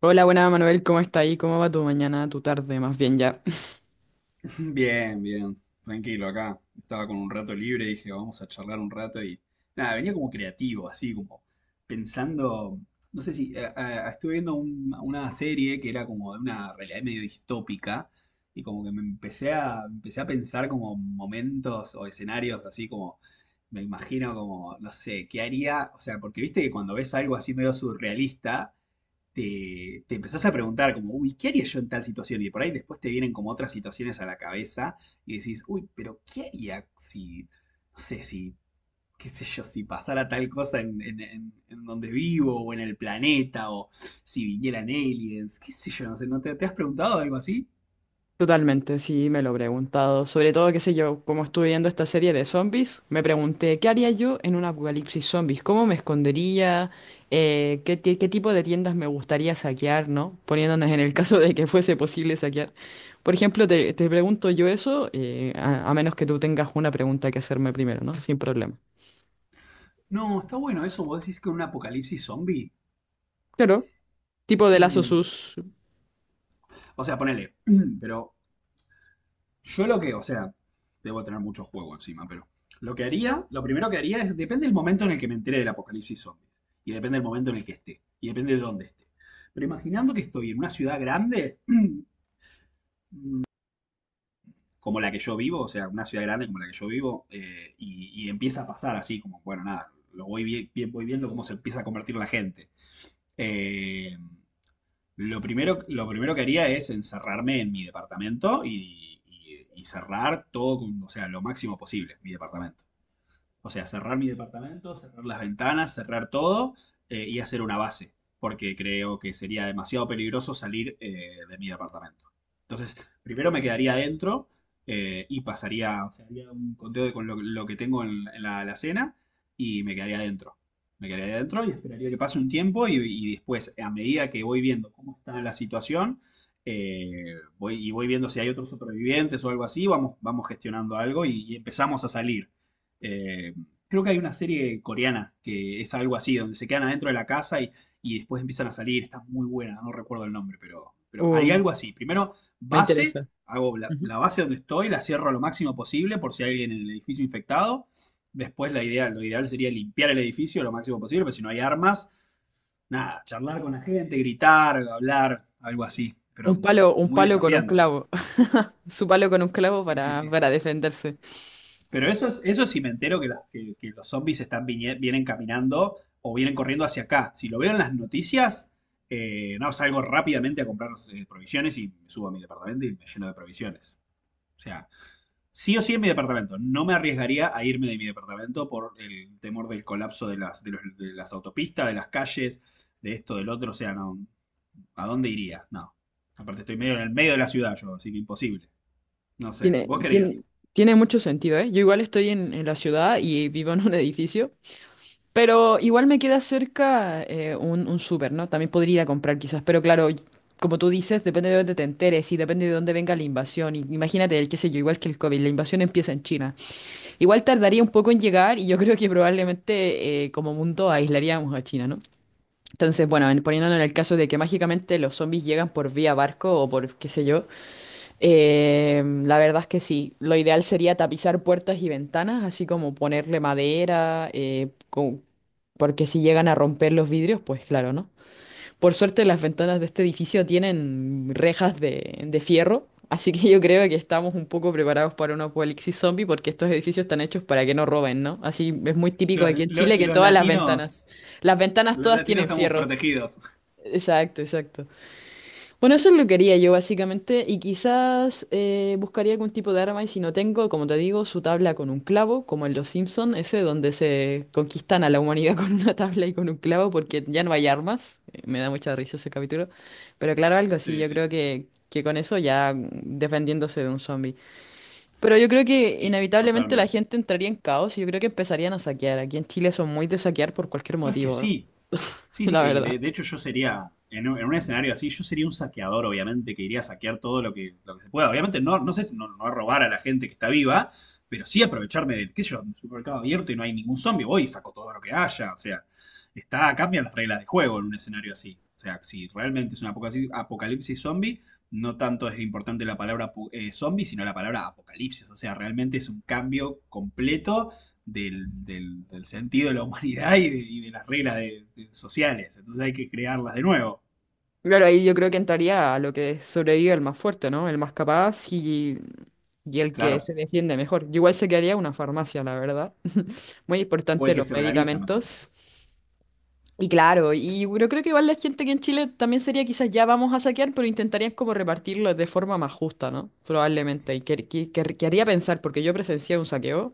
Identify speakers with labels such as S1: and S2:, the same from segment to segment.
S1: Hola, buena Manuel, ¿cómo está ahí? ¿Cómo va tu mañana, tu tarde, más bien ya?
S2: Bien, bien, tranquilo acá. Estaba con un rato libre, dije, vamos a charlar un rato y nada, venía como creativo, así como pensando, no sé si, estuve viendo una serie que era como de una realidad medio distópica y como que empecé a pensar como momentos o escenarios así como, me imagino como, no sé, ¿qué haría? O sea, porque viste que cuando ves algo así medio surrealista te empezás a preguntar como, uy, ¿qué haría yo en tal situación? Y por ahí después te vienen como otras situaciones a la cabeza y decís, uy, pero ¿qué haría si, no sé, si, qué sé yo, si pasara tal cosa en, en donde vivo o en el planeta o si vinieran aliens, qué sé yo, no sé, ¿no te has preguntado algo así?
S1: Totalmente, sí, me lo he preguntado. Sobre todo, qué sé yo, como estuve viendo esta serie de zombies, me pregunté, ¿qué haría yo en un apocalipsis zombies? ¿Cómo me escondería? ¿Qué, qué tipo de tiendas me gustaría saquear, ¿no? Poniéndonos en el caso de que fuese posible saquear. Por ejemplo, te pregunto yo eso, a menos que tú tengas una pregunta que hacerme primero, ¿no? Sin problema.
S2: No, está bueno eso, vos decís que un apocalipsis zombie.
S1: Claro, tipo de lazos
S2: Mm.
S1: sus.
S2: O sea, ponele, pero yo lo que, o sea, debo tener mucho juego encima, pero lo que haría, lo primero que haría es, depende del momento en el que me entere del apocalipsis zombies, y depende del momento en el que esté, y depende de dónde esté. Pero imaginando que estoy en una ciudad grande, como la que yo vivo, o sea, una ciudad grande como la que yo vivo, y empieza a pasar así, como, bueno, nada, lo voy, voy viendo cómo se empieza a convertir la gente. Eh, lo primero que haría es encerrarme en mi departamento y, y cerrar todo, o sea, lo máximo posible, mi departamento. O sea, cerrar mi departamento, cerrar las ventanas, cerrar todo y hacer una base, porque creo que sería demasiado peligroso salir, de mi departamento. Entonces, primero me quedaría adentro, y pasaría, o sea, haría un conteo de con lo que tengo en la alacena y me quedaría adentro. Me quedaría adentro y esperaría que pase un tiempo y después, a medida que voy viendo cómo está la situación, voy, y voy viendo si hay otros supervivientes o algo así, vamos, vamos gestionando algo y empezamos a salir. Eh, Creo que hay una serie coreana que es algo así, donde se quedan adentro de la casa y después empiezan a salir. Está muy buena, no recuerdo el nombre, pero hay
S1: Uh,
S2: algo así. Primero,
S1: me
S2: base,
S1: interesa.
S2: hago la, la base donde estoy, la cierro a lo máximo posible por si hay alguien en el edificio infectado. Después, la idea, lo ideal sería limpiar el edificio lo máximo posible, pero si no hay armas, nada, charlar con la gente, gritar, hablar, algo así. Pero
S1: Un
S2: muy
S1: palo con un
S2: desafiante.
S1: clavo. Su palo con un clavo
S2: Sí, sí, sí, sí.
S1: para defenderse.
S2: Pero eso, es, eso sí me entero que, que los zombies están vienen caminando o vienen corriendo hacia acá. Si lo veo en las noticias, no, salgo rápidamente a comprar, provisiones y me subo a mi departamento y me lleno de provisiones. O sea, sí o sí en mi departamento. No me arriesgaría a irme de mi departamento por el temor del colapso de las, de las autopistas, de las calles, de esto, del otro. O sea, no, ¿a dónde iría? No. Aparte estoy medio en el medio de la ciudad yo, así que imposible. No sé,
S1: Tiene,
S2: ¿vos
S1: tiene,
S2: querías?
S1: tiene mucho sentido, ¿eh? Yo igual estoy en la ciudad y vivo en un edificio, pero igual me queda cerca un súper, ¿no? También podría ir a comprar quizás, pero claro, como tú dices, depende de dónde te enteres y depende de dónde venga la invasión. Y imagínate, el, qué sé yo, igual que el COVID, la invasión empieza en China. Igual tardaría un poco en llegar y yo creo que probablemente como mundo aislaríamos a China, ¿no? Entonces, bueno, poniéndolo en el caso de que mágicamente los zombies llegan por vía barco o por qué sé yo, la verdad es que sí, lo ideal sería tapizar puertas y ventanas, así como ponerle madera, porque si llegan a romper los vidrios, pues claro, ¿no? Por suerte las ventanas de este edificio tienen rejas de fierro, así que yo creo que estamos un poco preparados para un apocalipsis zombie porque estos edificios están hechos para que no roben, ¿no? Así es muy típico
S2: Los,
S1: aquí en Chile que
S2: los
S1: todas
S2: latinos.
S1: las ventanas
S2: Los
S1: todas
S2: latinos
S1: tienen
S2: estamos
S1: fierro.
S2: protegidos.
S1: Exacto, exacto. Bueno, eso es lo que haría yo básicamente y quizás buscaría algún tipo de arma y si no tengo, como te digo, su tabla con un clavo, como en Los Simpson, ese donde se conquistan a la humanidad con una tabla y con un clavo porque ya no hay armas. Me da mucha risa ese capítulo. Pero claro, algo así,
S2: Sí,
S1: yo
S2: sí.
S1: creo que con eso ya mm, defendiéndose de un zombie. Pero yo creo que
S2: Sí.
S1: inevitablemente la
S2: Totalmente.
S1: gente entraría en caos y yo creo que empezarían a saquear. Aquí en Chile son muy de saquear por cualquier
S2: No es que
S1: motivo,
S2: sí. Sí, sí,
S1: la
S2: y
S1: verdad.
S2: de hecho yo sería, en un escenario así, yo sería un saqueador, obviamente, que iría a saquear todo lo que se pueda. Obviamente no, no sé, no, no a robar a la gente que está viva, pero sí aprovecharme del, qué sé yo, un supermercado abierto y no hay ningún zombie, voy y saco todo lo que haya. O sea, está, cambian las reglas de juego en un escenario así. O sea, si realmente es un apocalipsis, apocalipsis zombie, no tanto es importante la palabra zombie, sino la palabra apocalipsis. O sea, realmente es un cambio completo del, del sentido de la humanidad y de las reglas de sociales. Entonces hay que crearlas de nuevo.
S1: Claro, ahí yo creo que entraría a lo que sobrevive el más fuerte, ¿no? El más capaz y el que
S2: Claro.
S1: se defiende mejor. Yo igual se quedaría una farmacia, la verdad. Muy
S2: O
S1: importante
S2: el que
S1: los
S2: se organiza mejor.
S1: medicamentos. Y claro, y yo creo que igual la gente que en Chile también sería quizás ya vamos a saquear, pero intentarían como repartirlo de forma más justa, ¿no? Probablemente. Y que, que haría pensar, porque yo presencié un saqueo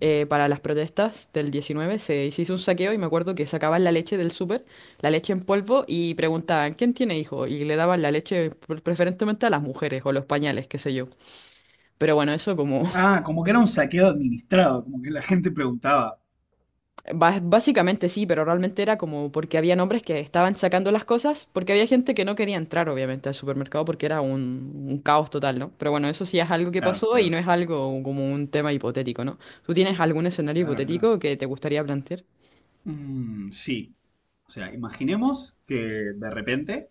S1: para las protestas del 19 se hizo un saqueo y me acuerdo que sacaban la leche del súper, la leche en polvo y preguntaban, ¿quién tiene hijo? Y le daban la leche preferentemente a las mujeres o los pañales, qué sé yo. Pero bueno, eso como,
S2: Ah, como que era un saqueo administrado, como que la gente preguntaba.
S1: básicamente sí, pero realmente era como porque había hombres que estaban sacando las cosas, porque había gente que no quería entrar obviamente al supermercado porque era un caos total, ¿no? Pero bueno, eso sí es algo que
S2: Claro,
S1: pasó y
S2: claro.
S1: no es algo como un tema hipotético, ¿no? ¿Tú tienes algún escenario
S2: Claro, claro.
S1: hipotético que te gustaría plantear?
S2: Mm, sí. O sea, imaginemos que de repente,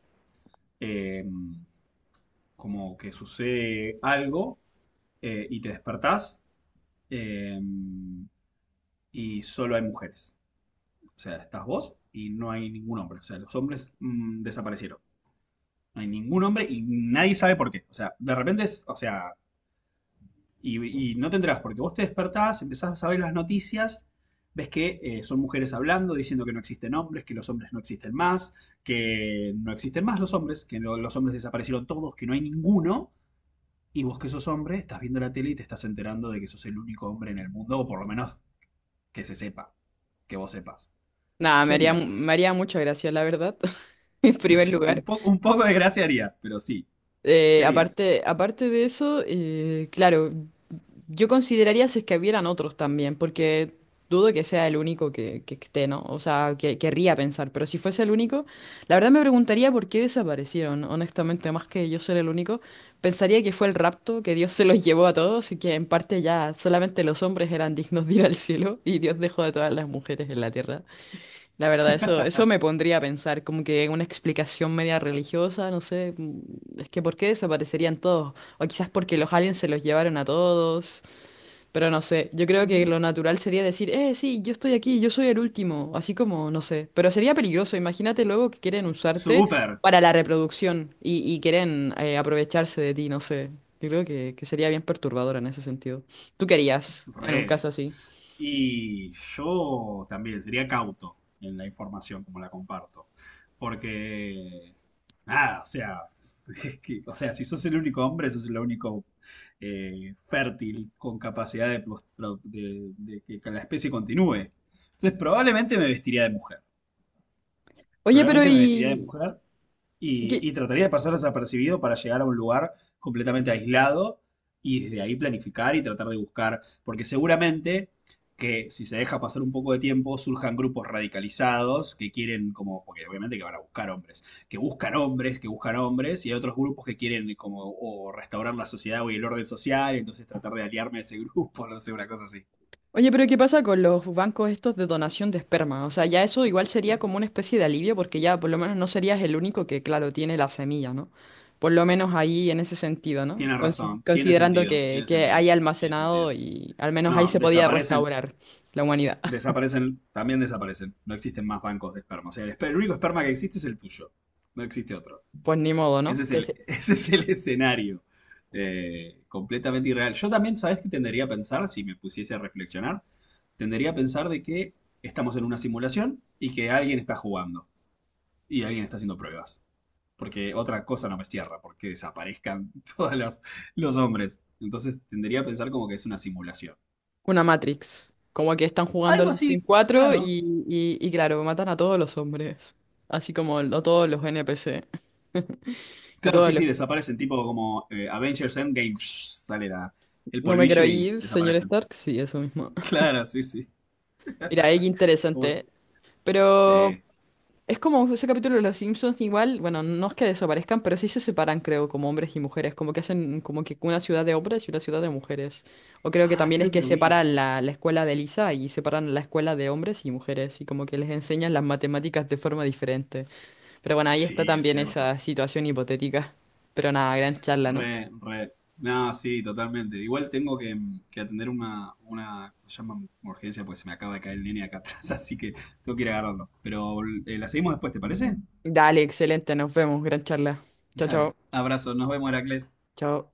S2: eh, como que sucede algo, y te despertás, eh, y solo hay mujeres. O sea, estás vos y no hay ningún hombre. O sea, los hombres desaparecieron. No hay ningún hombre y nadie sabe por qué. O sea, de repente, es, o sea, y no te enterás porque vos te despertás, empezás a ver las noticias, ves que, son mujeres hablando, diciendo que no existen hombres, que los hombres no existen más, que no existen más los hombres, que los hombres desaparecieron todos, que no hay ninguno. Y vos que sos hombre, estás viendo la tele y te estás enterando de que sos el único hombre en el mundo, o por lo menos que se sepa, que vos sepas.
S1: Nada,
S2: ¿Qué harías ahí?
S1: me haría mucha gracia, la verdad, en primer
S2: un,
S1: lugar.
S2: po- un poco de gracia haría, pero sí. ¿Qué harías?
S1: Aparte de eso, claro, yo consideraría si es que hubieran otros también, porque dudo que sea el único que esté, ¿no? O sea, que querría pensar, pero si fuese el único, la verdad me preguntaría por qué desaparecieron, honestamente, más que yo ser el único, pensaría que fue el rapto, que Dios se los llevó a todos y que en parte ya solamente los hombres eran dignos de ir al cielo y Dios dejó a todas las mujeres en la tierra. La verdad, eso me pondría a pensar, como que una explicación media religiosa, no sé, mm, es que ¿por qué desaparecerían todos? O quizás porque los aliens se los llevaron a todos, pero no sé, yo creo que lo natural sería decir, sí, yo estoy aquí, yo soy el último, así como, no sé, pero sería peligroso, imagínate luego que quieren usarte
S2: Súper.
S1: para la reproducción y quieren aprovecharse de ti, no sé, yo creo que sería bien perturbador en ese sentido. ¿Tú querías en un
S2: Re.
S1: caso así?
S2: Y yo también sería cauto en la información como la comparto. Porque, nada, o sea, o sea, si sos el único hombre, sos el único, fértil con capacidad de, de que la especie continúe. Entonces, probablemente me vestiría de mujer.
S1: Oye, pero
S2: Probablemente me vestiría de
S1: ¿y...
S2: mujer
S1: ¿Qué,
S2: y trataría de pasar desapercibido para llegar a un lugar completamente aislado y desde ahí planificar y tratar de buscar, porque seguramente que si se deja pasar un poco de tiempo surjan grupos radicalizados que quieren como, porque obviamente que van a buscar hombres, que buscan hombres, que buscan hombres, y hay otros grupos que quieren como o restaurar la sociedad o el orden social, y entonces tratar de aliarme a ese grupo, no sé, una cosa así.
S1: oye, pero ¿qué pasa con los bancos estos de donación de esperma? O sea, ya eso igual sería como una especie de alivio porque ya por lo menos no serías el único que, claro, tiene la semilla, ¿no? Por lo menos ahí en ese sentido, ¿no?
S2: Tienes razón, tiene
S1: Considerando
S2: sentido, tiene
S1: que
S2: sentido,
S1: hay
S2: tiene
S1: almacenado
S2: sentido.
S1: y al menos ahí
S2: No,
S1: se podía
S2: desaparecen.
S1: restaurar la humanidad.
S2: Desaparecen, también desaparecen. No existen más bancos de esperma. O sea, el, el único esperma que existe es el tuyo. No existe otro.
S1: Pues ni modo,
S2: Ese
S1: ¿no?
S2: es
S1: Que
S2: el,
S1: se-
S2: ese es el escenario. Eh, completamente irreal. Yo también, ¿sabes qué tendería a pensar si me pusiese a reflexionar? Tendería a pensar de que estamos en una simulación y que alguien está jugando y alguien está haciendo pruebas. Porque otra cosa no me cierra, porque desaparezcan todos los hombres. Entonces tendería a pensar como que es una simulación.
S1: Una Matrix. Como que están jugando
S2: Algo
S1: los Sims
S2: así,
S1: 4
S2: claro.
S1: y, y claro, matan a todos los hombres. Así como a todos los NPC. A
S2: Claro,
S1: todos
S2: sí,
S1: los...
S2: sí, desaparecen, tipo como, Avengers Endgame, sale la, el
S1: No me quiero
S2: polvillo y
S1: ir, señor
S2: desaparecen.
S1: Stark. Sí, eso mismo.
S2: Claro, sí, sí.
S1: Mira, es
S2: ¿Cómo
S1: interesante,
S2: es?
S1: ¿eh? Pero
S2: Sí.
S1: es como ese capítulo de Los Simpsons, igual, bueno, no es que desaparezcan, pero sí se separan, creo, como hombres y mujeres, como que hacen como que una ciudad de hombres y una ciudad de mujeres. O creo que
S2: Ah,
S1: también es
S2: creo que
S1: que
S2: lo vi.
S1: separan la, la escuela de Lisa y separan la escuela de hombres y mujeres, y como que les enseñan las matemáticas de forma diferente. Pero bueno, ahí está
S2: Sí, es
S1: también
S2: cierto.
S1: esa situación hipotética. Pero nada, gran charla, ¿no?
S2: Re, re. No, sí, totalmente. Igual tengo que atender una, ¿cómo se llama? Urgencia, porque se me acaba de caer el nene acá atrás, así que tengo que ir a agarrarlo. Pero, la seguimos después, ¿te parece?
S1: Dale, excelente, nos vemos, gran charla. Chao,
S2: Dale.
S1: chao,
S2: Abrazo, nos vemos, Heracles.
S1: chao.